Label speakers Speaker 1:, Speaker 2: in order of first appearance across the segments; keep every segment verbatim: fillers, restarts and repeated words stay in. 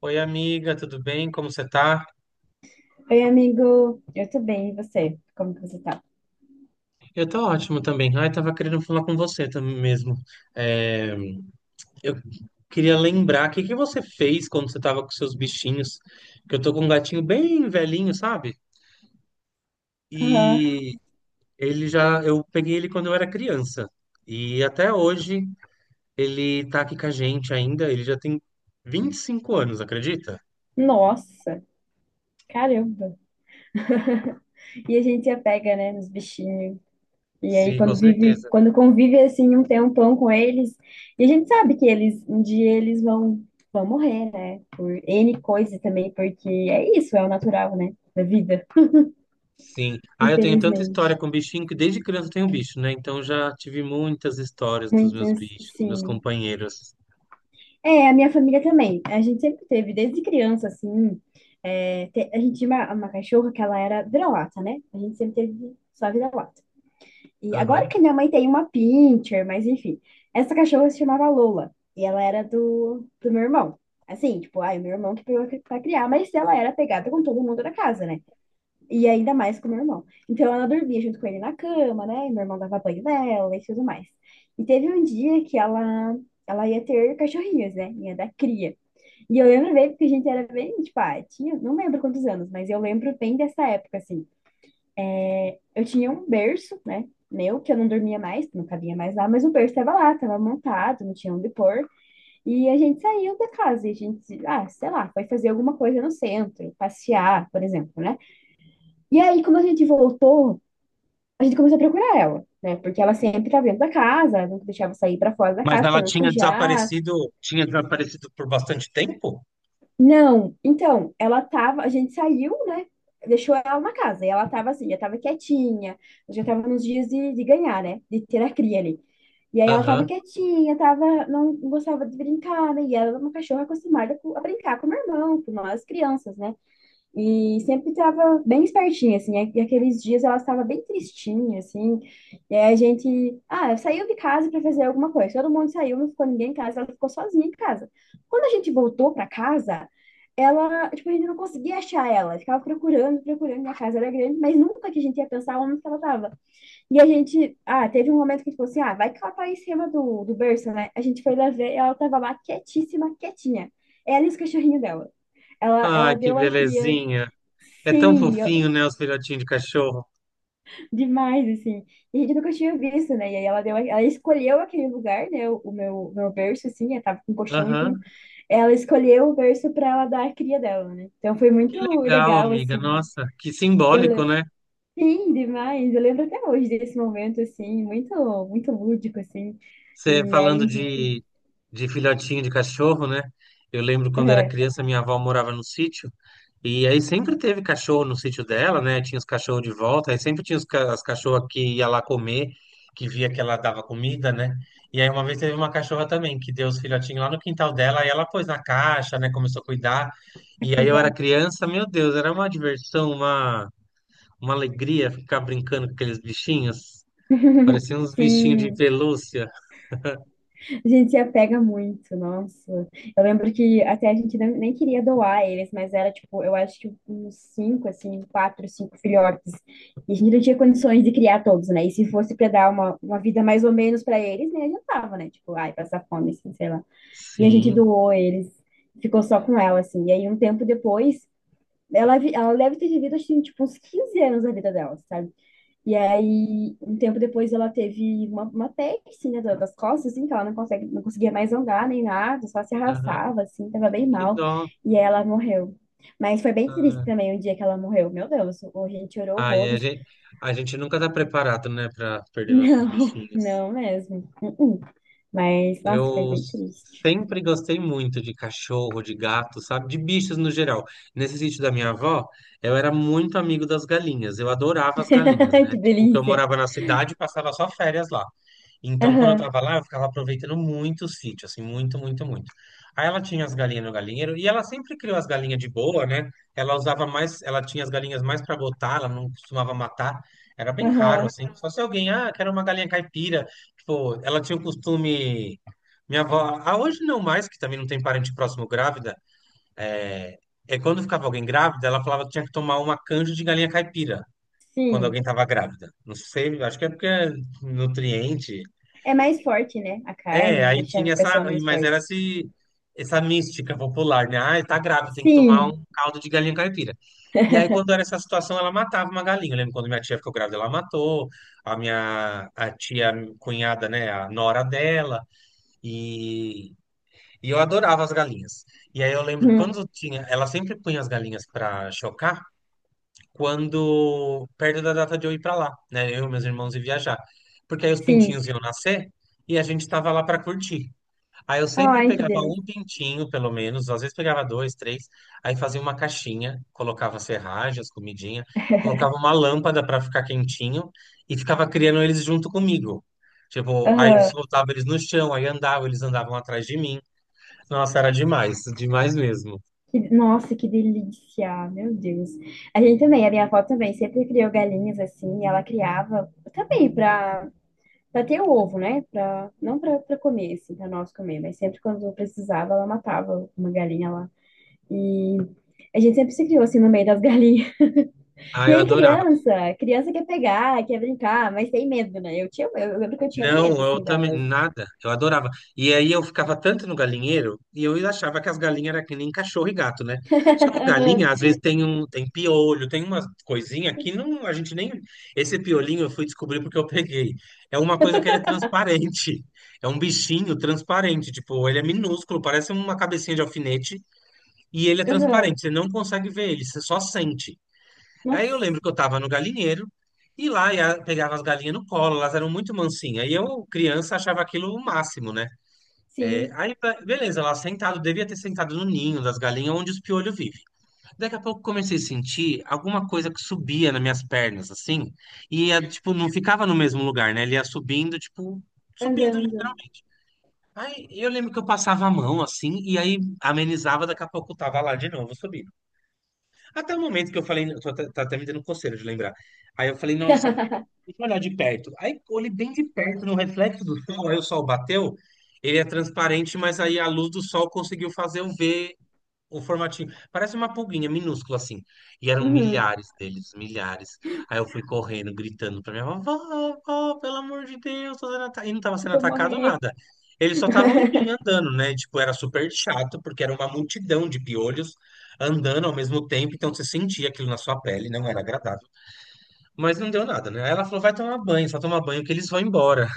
Speaker 1: Oi, amiga, tudo bem? Como você tá?
Speaker 2: Oi, amigo. Eu tô bem, e você? Como que você tá?
Speaker 1: Eu tô ótimo também. Ai, tava querendo falar com você também mesmo. É, eu queria lembrar, o que que você fez quando você tava com seus bichinhos? Que eu tô com um gatinho bem velhinho, sabe?
Speaker 2: Aham.
Speaker 1: E ele já, eu peguei ele quando eu era criança. E até hoje ele tá aqui com a gente ainda. Ele já tem vinte e cinco anos, acredita?
Speaker 2: Nossa, caramba. E a gente apega, né, nos bichinhos. E aí,
Speaker 1: Sim, com
Speaker 2: quando vive,
Speaker 1: certeza.
Speaker 2: quando convive assim um tempão com eles, e a gente sabe que eles, um dia eles vão, vão morrer, né? Por ene coisa também, porque é isso, é o natural, né? Da vida,
Speaker 1: Sim. Ah, eu tenho tanta história
Speaker 2: infelizmente.
Speaker 1: com bichinho que desde criança eu tenho bicho, né? Então já tive muitas histórias dos meus
Speaker 2: Muitas,
Speaker 1: bichos, meus
Speaker 2: sim.
Speaker 1: companheiros.
Speaker 2: É, a minha família também. A gente sempre teve, desde criança, assim. É, te- a gente tinha uma, uma cachorra que ela era vira-lata, né? A gente sempre teve só vira-lata. E agora
Speaker 1: Aham.
Speaker 2: que minha mãe tem uma pincher, mas enfim. Essa cachorra se chamava Lola. E ela era do, do meu irmão. Assim, tipo, ai, meu irmão que pegou pra criar, mas ela era pegada com todo mundo da casa, né? E ainda mais com meu irmão. Então ela dormia junto com ele na cama, né? E meu irmão dava banho nela e tudo mais. E teve um dia que ela, ela ia ter cachorrinhos, né? Ia dar cria. E eu lembro bem, porque a gente era bem, tipo, ah, tinha, não lembro quantos anos, mas eu lembro bem dessa época, assim. Eu tinha um berço, né? Meu, que eu não dormia mais, não cabia mais lá, mas o berço estava lá, estava montado, não tinha onde pôr. E a gente saiu da casa e a gente, ah, sei lá, foi fazer alguma coisa no centro, passear, por exemplo, né? E aí, quando a gente voltou, a gente começou a procurar ela, né? Porque ela sempre estava dentro da casa, nunca deixava eu sair para fora da
Speaker 1: Mas
Speaker 2: casa
Speaker 1: ela
Speaker 2: para não
Speaker 1: tinha
Speaker 2: sujar.
Speaker 1: desaparecido, tinha desaparecido por bastante tempo?
Speaker 2: Não, então, ela tava, a gente saiu, né? Deixou ela na casa, e ela tava assim, já tava quietinha, já tava nos dias de, de ganhar, né? De ter a cria ali. E aí ela tava
Speaker 1: Aham.
Speaker 2: quietinha, tava, não gostava de brincar, né? E ela era uma cachorra acostumada com- a brincar com o meu irmão, com nós crianças, né? E sempre estava bem espertinha, assim. E aqueles dias ela estava bem tristinha, assim. E aí a gente, ah, saiu de casa para fazer alguma coisa. Todo mundo saiu, não ficou ninguém em casa, ela ficou sozinha em casa. Quando a gente voltou para casa, ela, tipo, a gente não conseguia achar ela. Ficava procurando, procurando. Minha casa era grande, mas nunca que a gente ia pensar onde que ela estava. E a gente, ah, teve um momento que a gente falou assim, ah, vai que ela tá aí em cima do, do berço, né? A gente foi lá ver, e ela estava lá quietíssima, quietinha. Ela e os cachorrinhos dela. Ela,
Speaker 1: Ah,
Speaker 2: ela
Speaker 1: que
Speaker 2: deu a cria.
Speaker 1: belezinha. É tão
Speaker 2: Sim, eu-
Speaker 1: fofinho, né, os filhotinhos de cachorro?
Speaker 2: demais, assim. E a gente nunca tinha visto, né? E aí ela deu, ela escolheu aquele lugar, né? O o meu, meu berço, assim, eu tava com colchão e tudo.
Speaker 1: Aham.
Speaker 2: Ela escolheu o berço pra ela dar a cria dela, né? Então foi
Speaker 1: Que
Speaker 2: muito
Speaker 1: legal,
Speaker 2: legal,
Speaker 1: amiga.
Speaker 2: assim.
Speaker 1: Nossa, que
Speaker 2: Eu,
Speaker 1: simbólico,
Speaker 2: le-
Speaker 1: né?
Speaker 2: sim, demais. Eu lembro até hoje desse momento, assim, muito, muito lúdico, assim.
Speaker 1: Você
Speaker 2: E aí,
Speaker 1: falando
Speaker 2: a
Speaker 1: de,
Speaker 2: gente,
Speaker 1: de filhotinho de cachorro, né? Eu lembro quando era
Speaker 2: é,
Speaker 1: criança, minha avó morava no sítio, e aí sempre teve cachorro no sítio dela, né? Tinha os cachorros de volta, aí sempre tinha os ca- as cachorras que ia lá comer, que via que ela dava comida, né? E aí uma vez teve uma cachorra também, que deu os filhotinhos lá no quintal dela, aí ela pôs na caixa, né? Começou a cuidar.
Speaker 2: a
Speaker 1: E aí eu era
Speaker 2: cuidar.
Speaker 1: criança, meu Deus, era uma diversão, uma, uma alegria ficar brincando com aqueles bichinhos. Pareciam uns bichinhos de
Speaker 2: Sim.
Speaker 1: pelúcia.
Speaker 2: A gente se apega muito, nossa. Eu lembro que até a gente nem nem queria doar eles, mas era tipo, eu acho que uns cinco, assim, quatro, cinco filhotes. E a gente não tinha condições de criar todos, né? E se fosse para dar uma, uma vida mais ou menos para eles, nem adiantava, né? Tipo, ai, passar fome, assim, sei lá. E a gente
Speaker 1: Sim.
Speaker 2: doou eles, ficou só com ela, assim. E aí, um tempo depois, ela, vi- ela deve ter vivido, acho que, tipo, uns quinze anos a vida dela, sabe? E aí, um tempo depois, ela teve uma, uma peste, né, da- das costas, assim, que ela não consegue, não conseguia mais andar nem nada, só se
Speaker 1: Aham.
Speaker 2: arrastava, assim, tava bem
Speaker 1: Que
Speaker 2: mal.
Speaker 1: dó.
Speaker 2: E aí ela morreu. Mas foi bem triste
Speaker 1: Ah,
Speaker 2: também o dia que ela morreu. Meu Deus, o- a gente chorou
Speaker 1: ai, a
Speaker 2: horrores.
Speaker 1: gente, a gente nunca tá preparado, né, pra perder nossos
Speaker 2: Não,
Speaker 1: bichinhos.
Speaker 2: não mesmo. Uh-uh. Mas, nossa, foi
Speaker 1: Eu
Speaker 2: bem triste.
Speaker 1: sempre gostei muito de cachorro, de gato, sabe? De bichos no geral. Nesse sítio da minha avó, eu era muito amigo das galinhas. Eu adorava as galinhas, né?
Speaker 2: Que
Speaker 1: Tipo, que eu
Speaker 2: delícia.
Speaker 1: morava na cidade e passava só férias lá. Então, quando eu
Speaker 2: Aham,
Speaker 1: tava lá, eu ficava aproveitando muito o sítio, assim, muito, muito, muito. Aí ela tinha as galinhas no galinheiro e ela sempre criou as galinhas de boa, né? Ela usava mais, ela tinha as galinhas mais para botar, ela não costumava matar. Era bem raro,
Speaker 2: aham.
Speaker 1: assim. Só se alguém, ah, quero uma galinha caipira. Tipo, ela tinha o costume. Minha avó, ah, hoje não mais, que também não tem parente próximo grávida, é, é quando ficava alguém grávida, ela falava que tinha que tomar uma canja de galinha caipira quando
Speaker 2: Sim.
Speaker 1: alguém tava grávida. Não sei, acho que é porque é nutriente,
Speaker 2: É mais forte, né? A
Speaker 1: é,
Speaker 2: carne
Speaker 1: aí
Speaker 2: deixa a
Speaker 1: tinha essa,
Speaker 2: pessoa mais
Speaker 1: mas
Speaker 2: forte.
Speaker 1: era esse, essa mística popular, né? Ah, tá grávida, tem que tomar
Speaker 2: Sim.
Speaker 1: um caldo de galinha caipira. E aí, quando era essa situação, ela matava uma galinha. Eu lembro quando minha tia ficou grávida, ela matou. A minha a tia cunhada, né? A nora dela. E, e eu adorava as galinhas. E aí eu lembro que
Speaker 2: Hum.
Speaker 1: quando tinha. Ela sempre punha as galinhas pra chocar quando perto da data de eu ir pra lá, né? Eu e meus irmãos ir viajar. Porque aí os
Speaker 2: Sim.
Speaker 1: pintinhos iam nascer e a gente tava lá pra curtir. Aí eu sempre
Speaker 2: Ai, que
Speaker 1: pegava um
Speaker 2: delícia.
Speaker 1: pintinho, pelo menos, às vezes pegava dois, três, aí fazia uma caixinha, colocava serragem, as comidinha, colocava uma lâmpada para ficar quentinho e ficava criando eles junto comigo. Tipo, aí
Speaker 2: Aham.
Speaker 1: soltava eles no chão, aí andava, eles andavam atrás de mim. Nossa, era demais, demais mesmo.
Speaker 2: Que- Nossa, que delícia, meu Deus. A gente também, a minha avó também sempre criou galinhas assim, e ela criava também para para ter o ovo, né? Pra, não para para comer, assim, para nós comer, mas sempre quando precisava, ela matava uma galinha lá. E a gente sempre se criou assim no meio das galinhas.
Speaker 1: Ah,
Speaker 2: E
Speaker 1: eu
Speaker 2: aí,
Speaker 1: adorava.
Speaker 2: criança, criança quer pegar, quer brincar, mas tem medo, né? Eu tinha, eu lembro que eu tinha
Speaker 1: Não,
Speaker 2: medo
Speaker 1: eu
Speaker 2: assim
Speaker 1: também,
Speaker 2: delas.
Speaker 1: nada, eu adorava. E aí eu ficava tanto no galinheiro e eu achava que as galinhas eram que nem cachorro e gato, né? Só que
Speaker 2: Aham,
Speaker 1: galinha, às vezes, tem um, tem piolho, tem umas coisinha que não, a gente nem. Esse piolinho eu fui descobrir porque eu peguei. É uma coisa que ele é transparente. É um bichinho transparente, tipo, ele é minúsculo, parece uma cabecinha de alfinete e ele é
Speaker 2: aham.
Speaker 1: transparente, você não consegue ver ele, você só sente. Aí eu lembro
Speaker 2: Nossa,
Speaker 1: que eu tava no galinheiro e lá ia, pegava as galinhas no colo, elas eram muito mansinhas. E eu, criança, achava aquilo o máximo, né? É,
Speaker 2: sim,
Speaker 1: aí, be- beleza, lá sentado, devia ter sentado no ninho das galinhas onde os piolhos vivem. Daqui a pouco comecei a sentir alguma coisa que subia nas minhas pernas, assim, e ia, tipo, não ficava no mesmo lugar, né? Ele ia subindo, tipo, subindo
Speaker 2: andando.
Speaker 1: literalmente. Aí eu lembro que eu passava a mão assim, e aí amenizava, daqui a pouco eu tava lá de novo subindo. Até o momento que eu falei, eu tô até- tá até me dando coceira de lembrar. Aí eu falei, nossa, deixa eu olhar de perto. Aí eu olhei bem de perto no reflexo do sol, aí o sol bateu, ele é transparente, mas aí a luz do sol conseguiu fazer eu ver o formatinho. Parece uma pulguinha minúscula assim. E eram
Speaker 2: Uhum.
Speaker 1: milhares deles, milhares. Aí eu fui correndo, gritando pra minha avó: vó, vó, pelo amor de Deus, tô sendo ata-" e não tava sendo
Speaker 2: Vou
Speaker 1: atacado
Speaker 2: morrer.
Speaker 1: nada. Eles só estavam em mim andando, né? Tipo, era super chato, porque era uma multidão de piolhos andando ao mesmo tempo, então você sentia aquilo na sua pele, não era agradável. Mas não deu nada, né? Aí ela falou: vai tomar banho, só tomar banho que eles vão embora.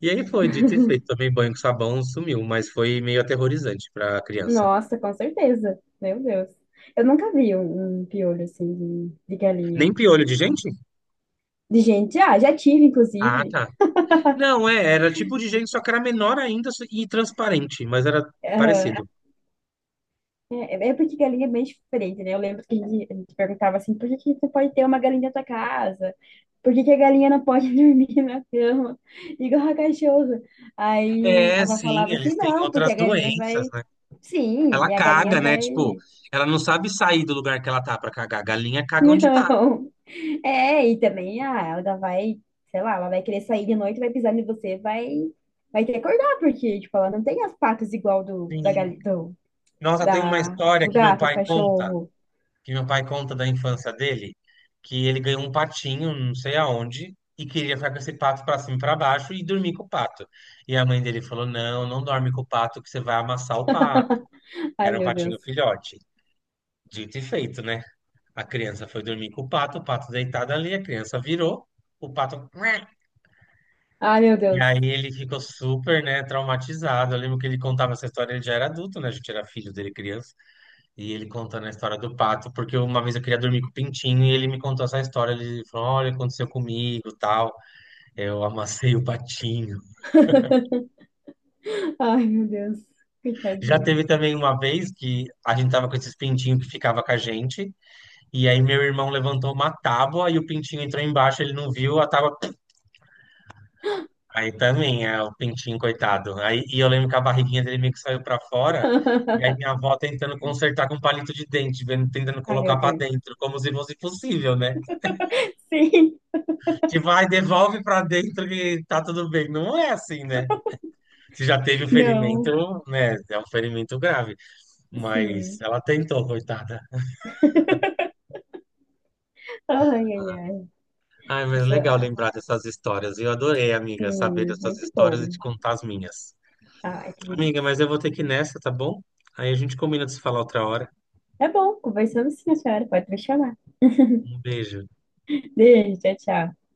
Speaker 1: E aí foi, dito e feito, tomei banho com sabão, sumiu, mas foi meio aterrorizante pra criança.
Speaker 2: Nossa, com certeza. Meu Deus. Eu nunca vi um, um piolho assim de, de galinha.
Speaker 1: Nem piolho de gente?
Speaker 2: De gente, ah, já tive,
Speaker 1: Ah,
Speaker 2: inclusive.
Speaker 1: tá. Não, é, era tipo de gente, só que era menor ainda só- e transparente, mas era
Speaker 2: Aham.
Speaker 1: parecido.
Speaker 2: É, é é porque galinha é bem diferente, né? Eu lembro que a gente, a gente perguntava assim, por que que você pode ter uma galinha na tua casa? Por que que a galinha não pode dormir na cama? Igual a cachorro. Aí a
Speaker 1: É,
Speaker 2: avó
Speaker 1: sim,
Speaker 2: falava assim,
Speaker 1: eles têm
Speaker 2: não, porque
Speaker 1: outras
Speaker 2: a galinha
Speaker 1: doenças,
Speaker 2: vai.
Speaker 1: né?
Speaker 2: Sim,
Speaker 1: Ela
Speaker 2: e a galinha
Speaker 1: caga, né? Tipo,
Speaker 2: vai.
Speaker 1: ela não sabe sair do lugar que ela tá pra cagar. A galinha caga onde tá.
Speaker 2: É, e também, ah, ela vai, sei lá, ela vai querer sair de noite, vai pisar em você, vai, vai ter que acordar, porque, tipo, ela não tem as patas igual do, da,
Speaker 1: Sim.
Speaker 2: gali- do,
Speaker 1: Nossa, tem uma
Speaker 2: da,
Speaker 1: história
Speaker 2: do
Speaker 1: que meu
Speaker 2: gato, do
Speaker 1: pai conta,
Speaker 2: cachorro.
Speaker 1: que meu pai conta da infância dele, que ele ganhou um patinho, não sei aonde, e queria ficar com esse pato pra cima e pra baixo e dormir com o pato. E a mãe dele falou: Não, não dorme com o pato, que você vai amassar o pato.
Speaker 2: Ai,
Speaker 1: Era um
Speaker 2: meu Deus.
Speaker 1: patinho filhote. Dito e feito, né? A criança foi dormir com o pato, o pato deitado ali, a criança virou, o pato. "Mua".
Speaker 2: Ai, meu
Speaker 1: E
Speaker 2: Deus.
Speaker 1: aí ele ficou super, né, traumatizado. Eu lembro que ele contava essa história, ele já era adulto, né? A gente era filho dele, criança. E ele contando a história do pato, porque uma vez eu queria dormir com o pintinho e ele me contou essa história. Ele falou: Olha, aconteceu comigo, tal. Eu amassei o patinho.
Speaker 2: Ai, meu Deus.
Speaker 1: Já
Speaker 2: Coitadinho.
Speaker 1: teve também uma vez que a gente tava com esses pintinhos que ficava com a gente. E aí meu irmão levantou uma tábua e o pintinho entrou embaixo, ele não viu, a tábua. Aí também, é o pintinho, coitado. Aí, e eu lembro que a barriguinha dele meio que saiu pra fora, e aí minha avó tentando consertar com palito de dente, vendo- tentando
Speaker 2: Ai, meu
Speaker 1: colocar pra
Speaker 2: Deus.
Speaker 1: dentro, como se fosse possível, né?
Speaker 2: Sim.
Speaker 1: Tipo, vai, devolve pra dentro que tá tudo bem. Não é assim, né? Se já teve o
Speaker 2: Não.
Speaker 1: ferimento, né? É um ferimento grave. Mas
Speaker 2: Sim.
Speaker 1: ela tentou, coitada.
Speaker 2: Ai, ai, ai.
Speaker 1: Ai,
Speaker 2: A
Speaker 1: mas
Speaker 2: sua-
Speaker 1: legal
Speaker 2: ah,
Speaker 1: lembrar dessas histórias. Eu adorei, amiga, saber
Speaker 2: Sim,
Speaker 1: dessas
Speaker 2: muito
Speaker 1: histórias e
Speaker 2: bom.
Speaker 1: te contar as minhas.
Speaker 2: Ai, que
Speaker 1: Amiga, mas
Speaker 2: delícia.
Speaker 1: eu vou ter que ir nessa, tá bom? Aí a gente combina de se falar outra hora.
Speaker 2: Tá bom, conversamos sim, a senhora. Pode me chamar.
Speaker 1: Um beijo.
Speaker 2: Beijo, tchau, tchau.